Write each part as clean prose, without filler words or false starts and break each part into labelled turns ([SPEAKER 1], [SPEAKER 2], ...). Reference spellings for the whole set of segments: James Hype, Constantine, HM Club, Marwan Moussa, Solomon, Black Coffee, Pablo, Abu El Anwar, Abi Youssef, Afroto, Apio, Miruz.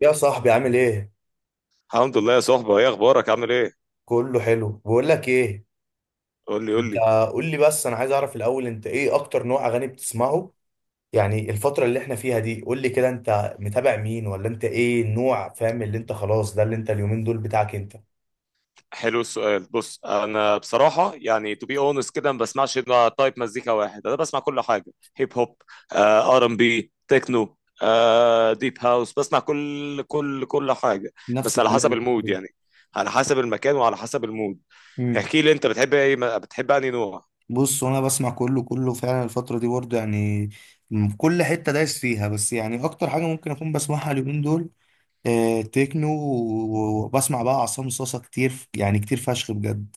[SPEAKER 1] يا صاحبي عامل ايه؟
[SPEAKER 2] الحمد لله يا صاحبي، ايه اخبارك عامل ايه؟
[SPEAKER 1] كله حلو. بقول لك ايه،
[SPEAKER 2] قول لي قول
[SPEAKER 1] انت
[SPEAKER 2] لي.
[SPEAKER 1] قول لي بس، انا عايز اعرف الاول انت ايه اكتر نوع اغاني بتسمعه. يعني الفترة اللي احنا فيها دي قول لي كده، انت متابع مين؟ ولا انت ايه النوع، فاهم اللي انت خلاص ده اللي انت اليومين دول بتاعك انت.
[SPEAKER 2] حلو السؤال. بص انا بصراحه يعني تو بي اونست كده ما بسمعش الا تايب مزيكا واحد، انا بسمع كل حاجه. هيب هوب، ار ام بي، تكنو، ديب هاوس، بسمع كل حاجه،
[SPEAKER 1] نفس
[SPEAKER 2] بس على
[SPEAKER 1] الكلام
[SPEAKER 2] حسب
[SPEAKER 1] الفترة
[SPEAKER 2] المود
[SPEAKER 1] دي.
[SPEAKER 2] يعني، على حسب المكان وعلى حسب المود.
[SPEAKER 1] مم.
[SPEAKER 2] احكي لي انت بتحب ايه، بتحب انهي نوع؟
[SPEAKER 1] بص، وانا بسمع كله كله فعلا الفترة دي برضه يعني، كل حتة دايس فيها، بس يعني اكتر حاجة ممكن اكون بسمعها اليومين دول آه تكنو، وبسمع بقى عصام صاصا كتير، يعني كتير فشخ بجد.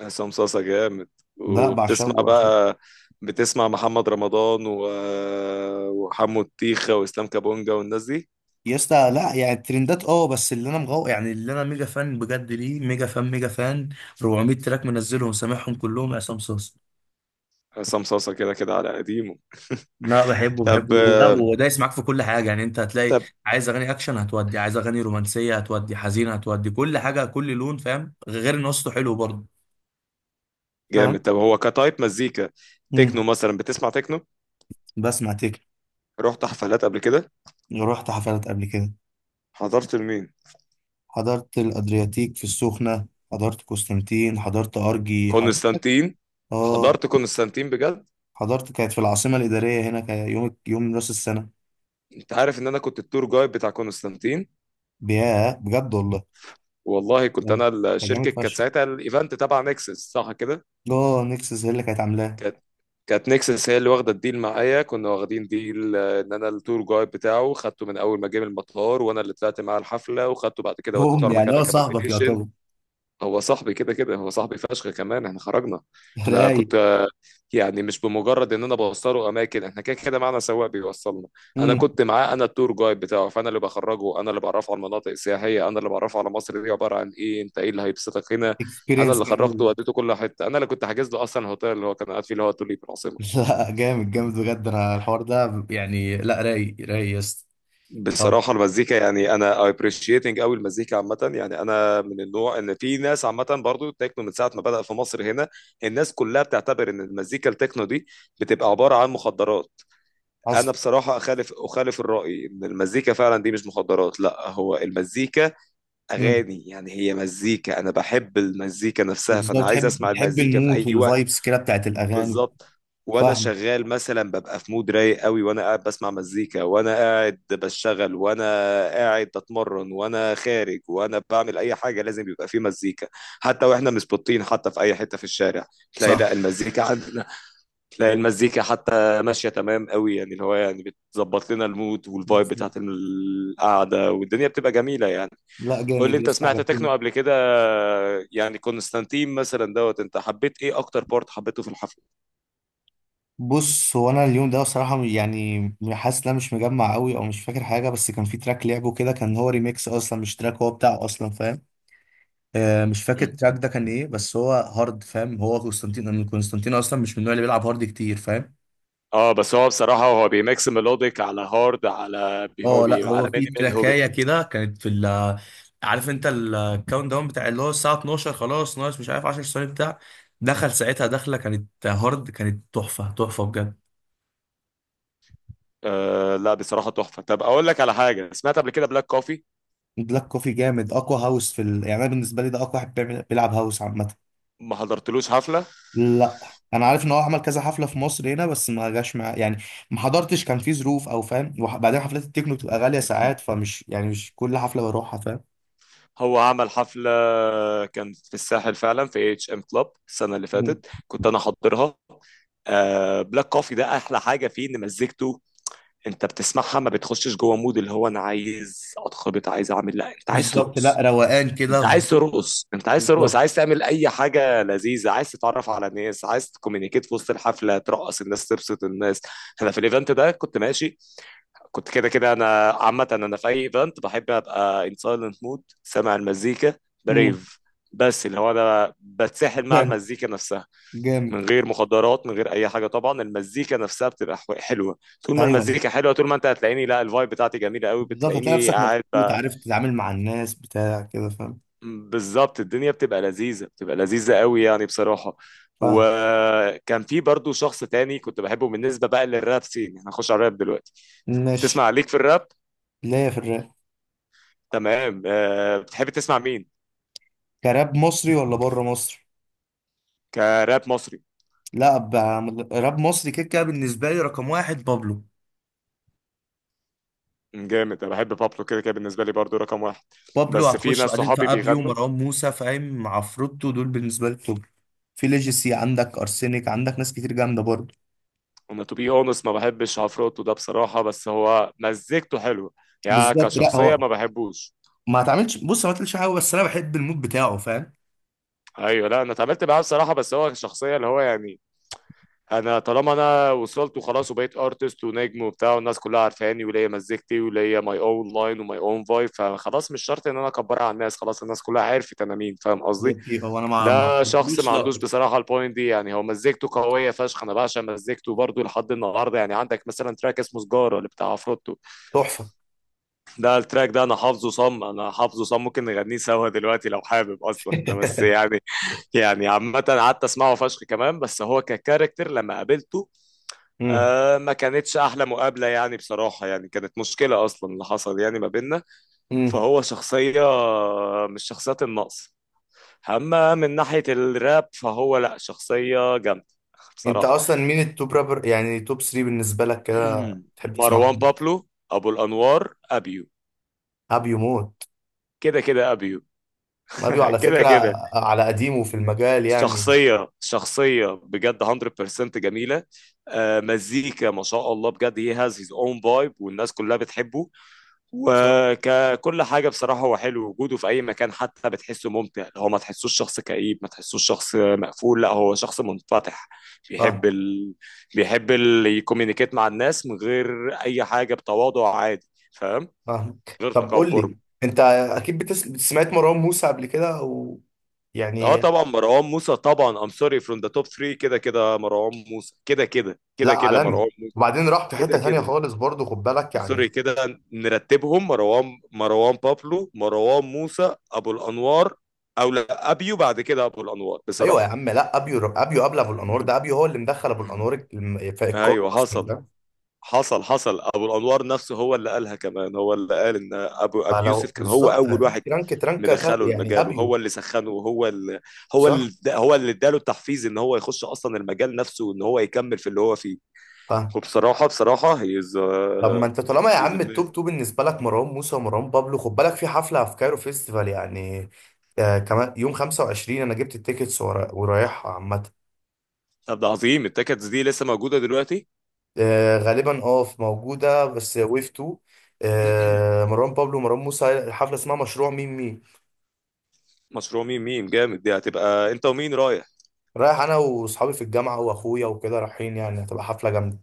[SPEAKER 2] عصام صاصا جامد.
[SPEAKER 1] ده
[SPEAKER 2] وبتسمع
[SPEAKER 1] بعشقه.
[SPEAKER 2] بقى، بتسمع محمد رمضان و... وحمو الطيخه واسلام كابونجا والناس دي.
[SPEAKER 1] يا اسطى لا يعني الترندات، اه، بس اللي انا مغو، يعني اللي انا ميجا فان بجد، ليه؟ ميجا فان ميجا فان. 400 تراك منزلهم سامعهم كلهم عصام صاصا.
[SPEAKER 2] عصام صاصة كده كده على قديمه.
[SPEAKER 1] لا، بحبه
[SPEAKER 2] طب
[SPEAKER 1] بحبه، ولا ودايس معاك في كل حاجه يعني، انت هتلاقي
[SPEAKER 2] طب.
[SPEAKER 1] عايز اغاني اكشن هتودي، عايز اغاني رومانسيه هتودي، حزينه هتودي، كل حاجه كل لون، فاهم، غير ان وسطه حلو برضه. فاهم.
[SPEAKER 2] جامد. طب هو كتايب مزيكا، تكنو
[SPEAKER 1] امم
[SPEAKER 2] مثلا، بتسمع تكنو؟
[SPEAKER 1] بسمع تكن.
[SPEAKER 2] رحت حفلات قبل كده؟
[SPEAKER 1] رحت حفلات قبل كده.
[SPEAKER 2] حضرت لمين؟
[SPEAKER 1] حضرت الادرياتيك في السخنه، حضرت قسطنطين، حضرت ارجي، حضرت.
[SPEAKER 2] كونستانتين؟
[SPEAKER 1] اه.
[SPEAKER 2] حضرت كونستانتين بجد؟
[SPEAKER 1] حضرت، كانت في العاصمة الإدارية هنا، كان يوم، يوم راس السنة.
[SPEAKER 2] انت عارف ان انا كنت التور جايد بتاع كونستانتين؟
[SPEAKER 1] بياه بجد والله.
[SPEAKER 2] والله كنت
[SPEAKER 1] كان
[SPEAKER 2] انا.
[SPEAKER 1] كان
[SPEAKER 2] الشركه
[SPEAKER 1] جامد
[SPEAKER 2] كانت
[SPEAKER 1] فشخ.
[SPEAKER 2] ساعتها الايفنت تبع نكسس صح كده؟
[SPEAKER 1] اه نكسس هي اللي كانت عاملاه.
[SPEAKER 2] كانت كانت نكسس هي اللي واخده الديل معايا. كنا واخدين ديل ان انا التور جايد بتاعه، خدته من اول ما جه من المطار، وانا اللي طلعت معاه الحفله، وخدته بعد كده وديته
[SPEAKER 1] بوم،
[SPEAKER 2] على
[SPEAKER 1] يعني
[SPEAKER 2] مكان
[SPEAKER 1] هو صاحبك
[SPEAKER 2] الاكومديشن.
[SPEAKER 1] يعتبر.
[SPEAKER 2] هو صاحبي كده كده. هو صاحبي فشخ، كمان احنا خرجنا. انا
[SPEAKER 1] رايق.
[SPEAKER 2] كنت يعني مش بمجرد ان انا بوصله اماكن، احنا كده كده معانا سواق بيوصلنا. انا
[SPEAKER 1] امم.
[SPEAKER 2] كنت معاه، انا التور جايد بتاعه، فانا اللي بخرجه، انا اللي بعرفه على المناطق السياحيه، انا اللي بعرفه على مصر دي عباره عن ايه، انت ايه اللي هيبسطك هنا. انا
[SPEAKER 1] اكسبيرينس
[SPEAKER 2] اللي خرجته
[SPEAKER 1] جامد.
[SPEAKER 2] وديته كل حته، انا اللي كنت حاجز له اصلا الهوتيل اللي هو كان قاعد فيه، اللي هو توليب العاصمه.
[SPEAKER 1] لا جامد جامد بجد، انا الحوار ده يعني، لا رايق رايق يا اسطى. طب.
[SPEAKER 2] بصراحة المزيكا يعني أنا appreciating أوي المزيكا عامة، يعني أنا من النوع إن في ناس عامة برضو التكنو من ساعة ما بدأ في مصر هنا، الناس كلها بتعتبر إن المزيكا التكنو دي بتبقى عبارة عن مخدرات. أنا
[SPEAKER 1] حصل.
[SPEAKER 2] بصراحة أخالف أخالف الرأي، إن المزيكا فعلا دي مش مخدرات، لا هو المزيكا
[SPEAKER 1] امم
[SPEAKER 2] أغاني، يعني هي مزيكا، أنا بحب المزيكا نفسها،
[SPEAKER 1] بالظبط،
[SPEAKER 2] فأنا عايز
[SPEAKER 1] بتحب
[SPEAKER 2] أسمع
[SPEAKER 1] بتحب
[SPEAKER 2] المزيكا في
[SPEAKER 1] المود
[SPEAKER 2] أي وقت.
[SPEAKER 1] والفايبس كده بتاعت الأغاني.
[SPEAKER 2] بالظبط. وانا
[SPEAKER 1] فاهم.
[SPEAKER 2] شغال مثلا ببقى في مود رايق قوي، وانا قاعد بسمع مزيكا، وانا قاعد بشتغل، وانا قاعد بتمرن، وانا خارج، وانا بعمل اي حاجه لازم يبقى في مزيكا. حتى واحنا مسبوطين، حتى في اي حته في الشارع تلاقي لا
[SPEAKER 1] صح.
[SPEAKER 2] المزيكا عندنا، تلاقي المزيكا حتى ماشيه تمام قوي، يعني اللي هو يعني بتظبط لنا المود والفايب بتاعت القعده، والدنيا بتبقى جميله يعني.
[SPEAKER 1] لا
[SPEAKER 2] قول لي
[SPEAKER 1] جامد يا
[SPEAKER 2] انت
[SPEAKER 1] اسطى،
[SPEAKER 2] سمعت تكنو
[SPEAKER 1] عجبتني.
[SPEAKER 2] قبل كده؟ يعني كونستانتين مثلا دوت، انت حبيت ايه اكتر بارت حبيته في الحفله؟
[SPEAKER 1] بص هو انا اليوم ده بصراحه، يعني حاسس ان انا مش مجمع قوي، او مش فاكر حاجه، بس كان في تراك لعبه كده، كان هو ريميكس اصلا، مش تراك هو بتاعه اصلا، فاهم. آه مش فاكر التراك ده كان ايه، بس هو هارد، فاهم. هو قسطنطين، من قسطنطين اصلا مش من النوع اللي بيلعب هارد كتير، فاهم.
[SPEAKER 2] اه بس هو بصراحة هو بيميكس ميلوديك على هارد على بي هو
[SPEAKER 1] اه لا
[SPEAKER 2] بي
[SPEAKER 1] هو
[SPEAKER 2] على
[SPEAKER 1] في
[SPEAKER 2] مينيمال هو بي.
[SPEAKER 1] تراكايه كده، كانت في عارف انت الكاونت داون بتاع اللي هو الساعه 12 خلاص، ناقص مش عارف 10 ثواني، بتاع دخل ساعتها، دخله كانت هارد، كانت تحفه تحفه بجد.
[SPEAKER 2] آه لا بصراحة تحفة. طب اقول لك على حاجة، سمعت قبل كده بلاك كوفي؟
[SPEAKER 1] بلاك كوفي جامد، اقوى هاوس في يعني انا بالنسبه لي ده اقوى واحد بيعمل، بيلعب هاوس عامه.
[SPEAKER 2] ما حضرتلوش حفلة؟
[SPEAKER 1] لا. انا عارف ان هو عمل كذا حفله في مصر هنا، بس ما جاش مع، يعني ما حضرتش، كان في ظروف او فاهم، وبعدين حفلات التكنو بتبقى غاليه ساعات، فمش يعني مش كل حفله بروحها، فاهم.
[SPEAKER 2] هو عمل حفلة، كان في الساحل فعلا في اتش ام كلاب السنة اللي
[SPEAKER 1] مم.
[SPEAKER 2] فاتت، كنت انا حاضرها. آه بلاك كوفي ده احلى حاجة فيه ان مزيكته انت بتسمعها ما بتخشش جوه مود اللي هو انا عايز اتخبط عايز اعمل، لا انت عايز
[SPEAKER 1] بالظبط، لا
[SPEAKER 2] ترقص،
[SPEAKER 1] روقان كده،
[SPEAKER 2] انت عايز
[SPEAKER 1] هدوء.
[SPEAKER 2] ترقص، انت عايز ترقص،
[SPEAKER 1] بالظبط.
[SPEAKER 2] عايز تعمل اي حاجه لذيذه، عايز تتعرف على ناس، عايز تكومينيكيت في وسط الحفله، ترقص الناس، تبسط الناس. انا في الايفنت ده كنت ماشي، كنت كده كده انا عامه انا في اي ايفنت بحب ابقى ان سايلنت مود سامع المزيكا،
[SPEAKER 1] امم
[SPEAKER 2] بريف، بس اللي هو انا بتسحل مع
[SPEAKER 1] جامد
[SPEAKER 2] المزيكا نفسها.
[SPEAKER 1] جامد.
[SPEAKER 2] من غير مخدرات من غير اي حاجه، طبعا المزيكا نفسها بتبقى حلوه. طول ما
[SPEAKER 1] ايوه.
[SPEAKER 2] المزيكا حلوه، طول ما انت هتلاقيني لا الفايب بتاعتي جميله قوي
[SPEAKER 1] بالظبط هتلاقي
[SPEAKER 2] بتلاقيني
[SPEAKER 1] نفسك
[SPEAKER 2] قاعد.
[SPEAKER 1] مبسوط، عارف تتعامل مع الناس بتاع كده، فاهم.
[SPEAKER 2] بالظبط، الدنيا بتبقى لذيذة، بتبقى لذيذة قوي يعني بصراحة.
[SPEAKER 1] فاهم.
[SPEAKER 2] وكان في برضو شخص تاني كنت بحبه بالنسبة بقى للراب سين، احنا هنخش على الراب دلوقتي. تسمع
[SPEAKER 1] ماشي.
[SPEAKER 2] عليك في الراب؟
[SPEAKER 1] ليه في الراب؟
[SPEAKER 2] تمام. أه بتحب تسمع مين؟
[SPEAKER 1] كراب مصري ولا بره مصر؟
[SPEAKER 2] كراب مصري؟
[SPEAKER 1] لا. راب مصري كده كده بالنسبه لي رقم واحد بابلو.
[SPEAKER 2] جامد، انا بحب بابلو كده كده، بالنسبة لي برضو رقم واحد.
[SPEAKER 1] بابلو،
[SPEAKER 2] بس في
[SPEAKER 1] هتخش
[SPEAKER 2] ناس
[SPEAKER 1] بعدين في
[SPEAKER 2] صحابي
[SPEAKER 1] ابيو،
[SPEAKER 2] بيغنوا.
[SPEAKER 1] مروان موسى، فاهم، عفروتو، دول بالنسبه لي التوب. في ليجيسي، عندك ارسينيك، عندك ناس كتير جامده برضه.
[SPEAKER 2] انا تو بي اونست ما بحبش عفروتو ده بصراحة، بس هو مزيكته حلوة، يعني
[SPEAKER 1] بالظبط، لا
[SPEAKER 2] كشخصية
[SPEAKER 1] هو
[SPEAKER 2] ما بحبوش.
[SPEAKER 1] ما اتعملش، بص ما اتقالش حاجه، بس انا بحب المود بتاعه، فاهم.
[SPEAKER 2] ايوه، لا انا اتعاملت معاه بصراحة، بس هو شخصية اللي هو يعني، انا طالما انا وصلت وخلاص، وبقيت ارتست ونجم وبتاع، والناس كلها عارفاني وليا مزيكتي وليا ماي اون لاين وماي اون فايب، فخلاص مش شرط ان انا اكبرها على الناس، خلاص الناس كلها عرفت انا مين، فاهم قصدي؟
[SPEAKER 1] هو انا ما
[SPEAKER 2] ده شخص ما
[SPEAKER 1] قلتلوش لا.
[SPEAKER 2] عندوش بصراحه البوينت دي، يعني هو مزيكته قويه فشخ، انا بعشق مزيكته برضه لحد النهارده. يعني عندك مثلا تراك اسمه سجاره اللي بتاع عفروتو،
[SPEAKER 1] تحفه.
[SPEAKER 2] ده التراك ده انا حافظه صم، انا حافظه صم، ممكن نغنيه سوا دلوقتي لو حابب اصلا ده، بس يعني يعني عامه قعدت اسمعه فشخ كمان، بس هو ككاركتر لما قابلته
[SPEAKER 1] امم
[SPEAKER 2] آه ما كانتش احلى مقابله يعني بصراحه، يعني كانت مشكله اصلا اللي حصل يعني ما بيننا،
[SPEAKER 1] امم
[SPEAKER 2] فهو شخصيه مش شخصيات النقص. اما من ناحيه الراب فهو لا شخصيه جامده
[SPEAKER 1] انت
[SPEAKER 2] بصراحه.
[SPEAKER 1] اصلا مين التوب رابر؟ يعني توب 3 بالنسبه لك كده تحب
[SPEAKER 2] مروان
[SPEAKER 1] تسمعهم.
[SPEAKER 2] بابلو، ابو الانوار، ابيو.
[SPEAKER 1] ابيو موت.
[SPEAKER 2] كده كده ابيو.
[SPEAKER 1] ابيو على
[SPEAKER 2] كده
[SPEAKER 1] فكره
[SPEAKER 2] كده.
[SPEAKER 1] على قديمه في المجال يعني.
[SPEAKER 2] شخصيه، شخصيه بجد 100% جميله. آه مزيكا ما شاء الله بجد he has his own vibe، والناس كلها بتحبه
[SPEAKER 1] صح.
[SPEAKER 2] وككل حاجة بصراحة. هو حلو وجوده في أي مكان، حتى بتحسه ممتع، هو ما تحسوش شخص كئيب، ما تحسوش شخص مقفول، لا هو شخص منفتح. بيحب
[SPEAKER 1] اه.
[SPEAKER 2] ال... يكومينيكيت مع الناس من غير أي حاجة بتواضع عادي، فاهم،
[SPEAKER 1] فاهمك،
[SPEAKER 2] غير
[SPEAKER 1] طب قول
[SPEAKER 2] تكبر.
[SPEAKER 1] لي، انت اكيد سمعت مروان موسى قبل كده
[SPEAKER 2] اه
[SPEAKER 1] يعني.
[SPEAKER 2] طبعا مروان موسى طبعا، ام سوري، فروم ذا توب 3 كده كده مروان موسى، كده كده
[SPEAKER 1] لا
[SPEAKER 2] كده كده
[SPEAKER 1] عالمي،
[SPEAKER 2] مروان موسى
[SPEAKER 1] وبعدين راح في
[SPEAKER 2] كده
[SPEAKER 1] حته تانيه
[SPEAKER 2] كده.
[SPEAKER 1] خالص برضه، خد بالك
[SPEAKER 2] سوري،
[SPEAKER 1] يعني.
[SPEAKER 2] كده نرتبهم: مروان، مروان بابلو، مروان موسى، ابو الانوار، او لا ابيو بعد كده ابو الانوار
[SPEAKER 1] ايوه يا
[SPEAKER 2] بصراحه.
[SPEAKER 1] عم، لا ابيو، ابيو قبل ابو الانوار، ده ابيو هو اللي مدخل ابو الانوار في الكار
[SPEAKER 2] ايوه
[SPEAKER 1] اصلا
[SPEAKER 2] حصل.
[SPEAKER 1] ده.
[SPEAKER 2] حصل، ابو الانوار نفسه هو اللي قالها كمان، هو اللي قال ان ابو ابي يوسف
[SPEAKER 1] فلو
[SPEAKER 2] كان هو
[SPEAKER 1] بالظبط
[SPEAKER 2] اول
[SPEAKER 1] هتيجي
[SPEAKER 2] واحد
[SPEAKER 1] ترانك ترانك
[SPEAKER 2] مدخله
[SPEAKER 1] يعني
[SPEAKER 2] المجال،
[SPEAKER 1] ابيو.
[SPEAKER 2] وهو اللي سخنه، وهو اللي هو
[SPEAKER 1] صح.
[SPEAKER 2] اللي هو اللي اداله التحفيز ان هو يخش اصلا المجال نفسه، وان هو يكمل في اللي هو فيه.
[SPEAKER 1] فاهم.
[SPEAKER 2] وبصراحه بصراحه هيز
[SPEAKER 1] طب ما انت طالما يا
[SPEAKER 2] هيز
[SPEAKER 1] عم
[SPEAKER 2] اميزنج.
[SPEAKER 1] التوب تو بالنسبه لك مروان موسى ومروان بابلو، خد بالك في حفله في كايرو فيستيفال يعني. آه، كمان يوم 25 انا جبت التيكتس ورايحها عامه.
[SPEAKER 2] طب ده عظيم، التيكتس دي لسه موجوده دلوقتي؟
[SPEAKER 1] آه غالبا اه في موجودة، بس ويف 2. آه مروان بابلو ومروان موسى، حفلة اسمها مشروع ميم ميم.
[SPEAKER 2] مشروع ميم ميم جامد، دي هتبقى انت ومين رايح؟
[SPEAKER 1] رايح انا واصحابي في الجامعة واخويا وكده رايحين، يعني هتبقى حفلة جامدة.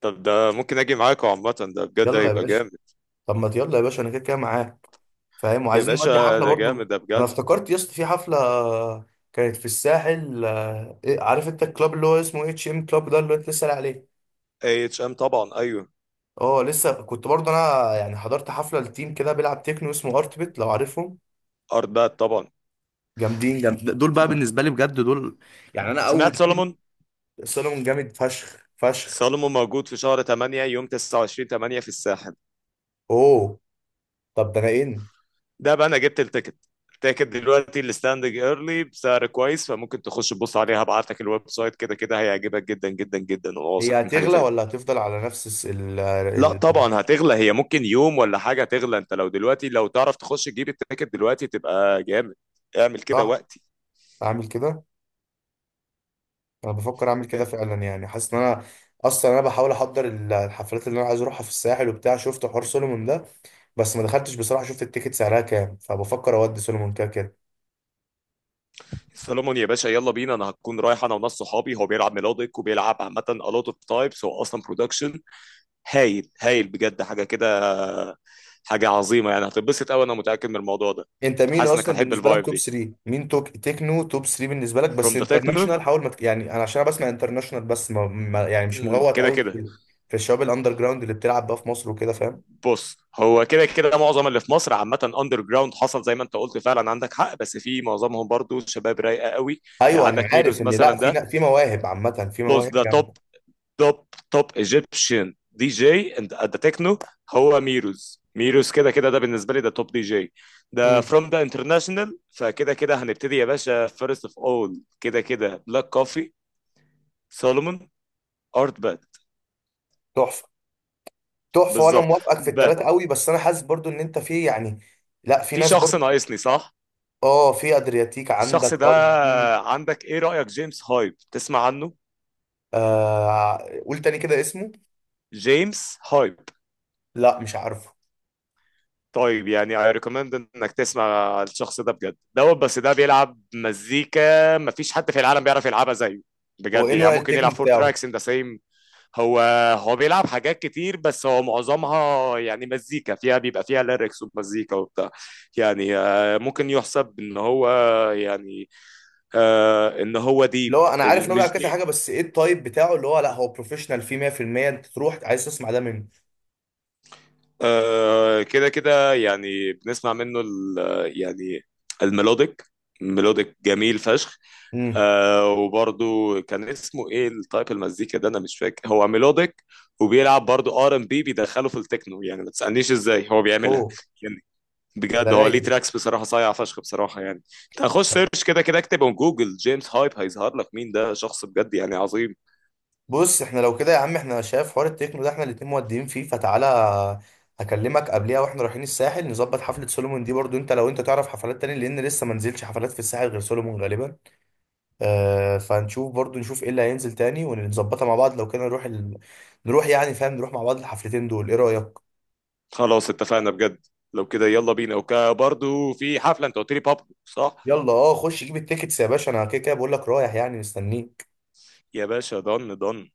[SPEAKER 2] طب ده ممكن اجي معاكم عامة، ده بجد
[SPEAKER 1] يلا يا
[SPEAKER 2] هيبقى
[SPEAKER 1] باشا.
[SPEAKER 2] جامد.
[SPEAKER 1] طب ما يلا يا باشا، انا كده كده معاك، فاهم،
[SPEAKER 2] يا
[SPEAKER 1] وعايزين نودي
[SPEAKER 2] باشا
[SPEAKER 1] حفلة
[SPEAKER 2] ده
[SPEAKER 1] برضو.
[SPEAKER 2] جامد ده
[SPEAKER 1] انا
[SPEAKER 2] بجد.
[SPEAKER 1] افتكرت يا اسطى في حفلة كانت في الساحل، آه إيه، عارف انت الكلاب اللي هو اسمه اتش ام كلاب ده اللي انت لسه قايل عليه.
[SPEAKER 2] اي اتش ام طبعا، ايوه.
[SPEAKER 1] اه لسه، كنت برضو انا يعني حضرت حفلة لتيم كده بيلعب تكنو، اسمه ارت بيت، لو عارفهم.
[SPEAKER 2] ارت باد طبعا.
[SPEAKER 1] جامدين، جامد دول بقى بالنسبه لي بجد دول، يعني انا اول
[SPEAKER 2] سمعت
[SPEAKER 1] تيم.
[SPEAKER 2] سولomon؟
[SPEAKER 1] سولomon جامد فشخ فشخ.
[SPEAKER 2] سولومون موجود في شهر 8 يوم 29 8 في الساحل.
[SPEAKER 1] اوه. طب ده انا ان،
[SPEAKER 2] ده بقى انا جبت التيكت. التيكت دلوقتي الستاندنج ايرلي بسعر كويس، فممكن تخش تبص عليها، هبعت لك الويب سايت، كده كده هيعجبك جدا جدا جدا،
[SPEAKER 1] هي
[SPEAKER 2] واثق من حاجة
[SPEAKER 1] هتغلى
[SPEAKER 2] زي.
[SPEAKER 1] ولا هتفضل على نفس الس- ال
[SPEAKER 2] لا
[SPEAKER 1] ال
[SPEAKER 2] طبعا هتغلى، هي ممكن يوم ولا حاجة تغلى، انت لو دلوقتي لو تعرف تخش تجيب التيكت دلوقتي تبقى جامد. اعمل كده
[SPEAKER 1] صح.
[SPEAKER 2] وقتي.
[SPEAKER 1] اعمل كده. انا بفكر اعمل كده فعلا، يعني حاسس ان انا اصلا انا بحاول احضر الحفلات اللي انا عايز اروحها في الساحل وبتاع، شفت حوار سولومون ده. بس ما دخلتش بصراحه، شفت التيكت سعرها كام، فبفكر اودي سولومون كده كده.
[SPEAKER 2] سولومون يا باشا يلا بينا، انا هكون رايح انا وناس صحابي، هو بيلعب ميلوديك وبيلعب عامة a lot of types، هو اصلا برودكشن هايل، هايل بجد حاجة كده، حاجة عظيمة يعني هتتبسط قوي، انا متأكد من الموضوع ده.
[SPEAKER 1] انت مين
[SPEAKER 2] حاسس انك
[SPEAKER 1] اصلا
[SPEAKER 2] هتحب
[SPEAKER 1] بالنسبه لك
[SPEAKER 2] الفايب
[SPEAKER 1] توب
[SPEAKER 2] دي
[SPEAKER 1] 3 مين؟ توك تكنو توب 3 بالنسبه لك بس،
[SPEAKER 2] from the techno.
[SPEAKER 1] انترناشونال، حاول ما تك- يعني انا عشان انا بسمع انترناشونال بس، ما يعني مش مغوط
[SPEAKER 2] كده
[SPEAKER 1] قوي
[SPEAKER 2] كده.
[SPEAKER 1] في الشباب الاندر جراوند اللي بتلعب بقى في مصر وكده، فاهم.
[SPEAKER 2] بص هو كده كده معظم اللي في مصر عامة اندر جراوند، حصل زي ما انت قلت فعلا عندك حق، بس في معظمهم برضو شباب رايقة قوي. يعني
[SPEAKER 1] ايوه انا
[SPEAKER 2] عندك
[SPEAKER 1] عارف
[SPEAKER 2] ميروز
[SPEAKER 1] ان لا
[SPEAKER 2] مثلا
[SPEAKER 1] في
[SPEAKER 2] ده،
[SPEAKER 1] لا في مواهب، عامه في
[SPEAKER 2] بص
[SPEAKER 1] مواهب
[SPEAKER 2] ده توب،
[SPEAKER 1] جامده.
[SPEAKER 2] توب، توب ايجيبشن دي جي اند ذا تكنو. هو ميروز، ميروز كده كده ده بالنسبة لي ده توب دي جي. ده
[SPEAKER 1] امم.
[SPEAKER 2] فروم ذا انترناشونال، فكده كده هنبتدي يا باشا: فيرست اوف اول كده كده بلاك كوفي، سولومون، ارت باد.
[SPEAKER 1] تحفه. تحفه، وانا
[SPEAKER 2] بالظبط.
[SPEAKER 1] موافقك في
[SPEAKER 2] ب
[SPEAKER 1] الثلاثه قوي، بس انا حاسس برضو ان انت في يعني لا في
[SPEAKER 2] في
[SPEAKER 1] ناس
[SPEAKER 2] شخص
[SPEAKER 1] برضو.
[SPEAKER 2] ناقصني صح؟
[SPEAKER 1] اه، في ادرياتيك، عندك
[SPEAKER 2] الشخص ده،
[SPEAKER 1] ار بي.
[SPEAKER 2] عندك ايه رأيك جيمس هايب، تسمع عنه؟
[SPEAKER 1] آه. قول تاني كده اسمه.
[SPEAKER 2] جيمس هايب.
[SPEAKER 1] لا مش عارفه.
[SPEAKER 2] طيب يعني I recommend انك تسمع الشخص ده بجد دوت، بس ده بيلعب مزيكا مفيش حد في العالم بيعرف يلعبها زيه
[SPEAKER 1] هو
[SPEAKER 2] بجد،
[SPEAKER 1] ايه
[SPEAKER 2] يعني
[SPEAKER 1] نوع
[SPEAKER 2] ممكن يلعب
[SPEAKER 1] التكنو
[SPEAKER 2] فور
[SPEAKER 1] بتاعه؟
[SPEAKER 2] تراكس ان ذا سيم. هو هو بيلعب حاجات كتير، بس هو معظمها يعني مزيكا فيها بيبقى فيها ليركس ومزيكا وبتاع، يعني ممكن يحسب ان هو، يعني ان هو
[SPEAKER 1] اللي
[SPEAKER 2] ديب.
[SPEAKER 1] هو انا عارف ان هو بيلعب
[SPEAKER 2] مش
[SPEAKER 1] كذا حاجه، بس ايه التايب بتاعه اللي هو لا هو بروفيشنال فيه 100%؟ انت تروح عايز تسمع ده منه.
[SPEAKER 2] كده كده، يعني بنسمع منه ال، يعني الميلوديك، ميلوديك جميل فشخ.
[SPEAKER 1] امم.
[SPEAKER 2] آه وبرضو كان اسمه ايه التايب المزيكا ده، انا مش فاكر، هو ميلوديك وبيلعب برضو ار ام بي بيدخله في التكنو، يعني ما تسألنيش ازاي هو بيعملها،
[SPEAKER 1] اوه.
[SPEAKER 2] يعني
[SPEAKER 1] ده
[SPEAKER 2] بجد هو
[SPEAKER 1] رايق
[SPEAKER 2] ليه
[SPEAKER 1] ده.
[SPEAKER 2] تراكس بصراحة صايع فشخ بصراحة يعني. انت هخش سيرش كده كده اكتبه جوجل جيمس هايب، هيظهر لك مين ده، شخص بجد يعني عظيم.
[SPEAKER 1] بص احنا لو كده يا عم، احنا شايف حوار التكنو ده، احنا الاتنين مودين فيه، فتعالى هكلمك قبليها، واحنا رايحين الساحل نظبط حفلة سولومون دي برضو، انت لو انت تعرف حفلات تاني، لان لسه ما نزلش حفلات في الساحل غير سولومون غالبا. آه، فنشوف برضو نشوف ايه اللي هينزل تاني، ونظبطها مع بعض، لو كده نروح نروح يعني فاهم نروح مع بعض الحفلتين دول، ايه رأيك؟
[SPEAKER 2] خلاص اتفقنا بجد، لو كده يلا بينا، وبرضو في حفلة انت قلت لي بابلو صح؟
[SPEAKER 1] يلا. اه خش جيب التيكتس يا باشا، انا كده كده بقول لك رايح، يعني مستنيك.
[SPEAKER 2] يا باشا ضن ضن.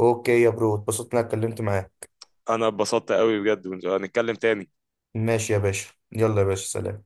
[SPEAKER 1] اوكي يا برو، اتبسطت اني اتكلمت معاك.
[SPEAKER 2] انا اتبسطت قوي بجد، هنتكلم تاني.
[SPEAKER 1] ماشي يا باشا، يلا يا باشا سلام.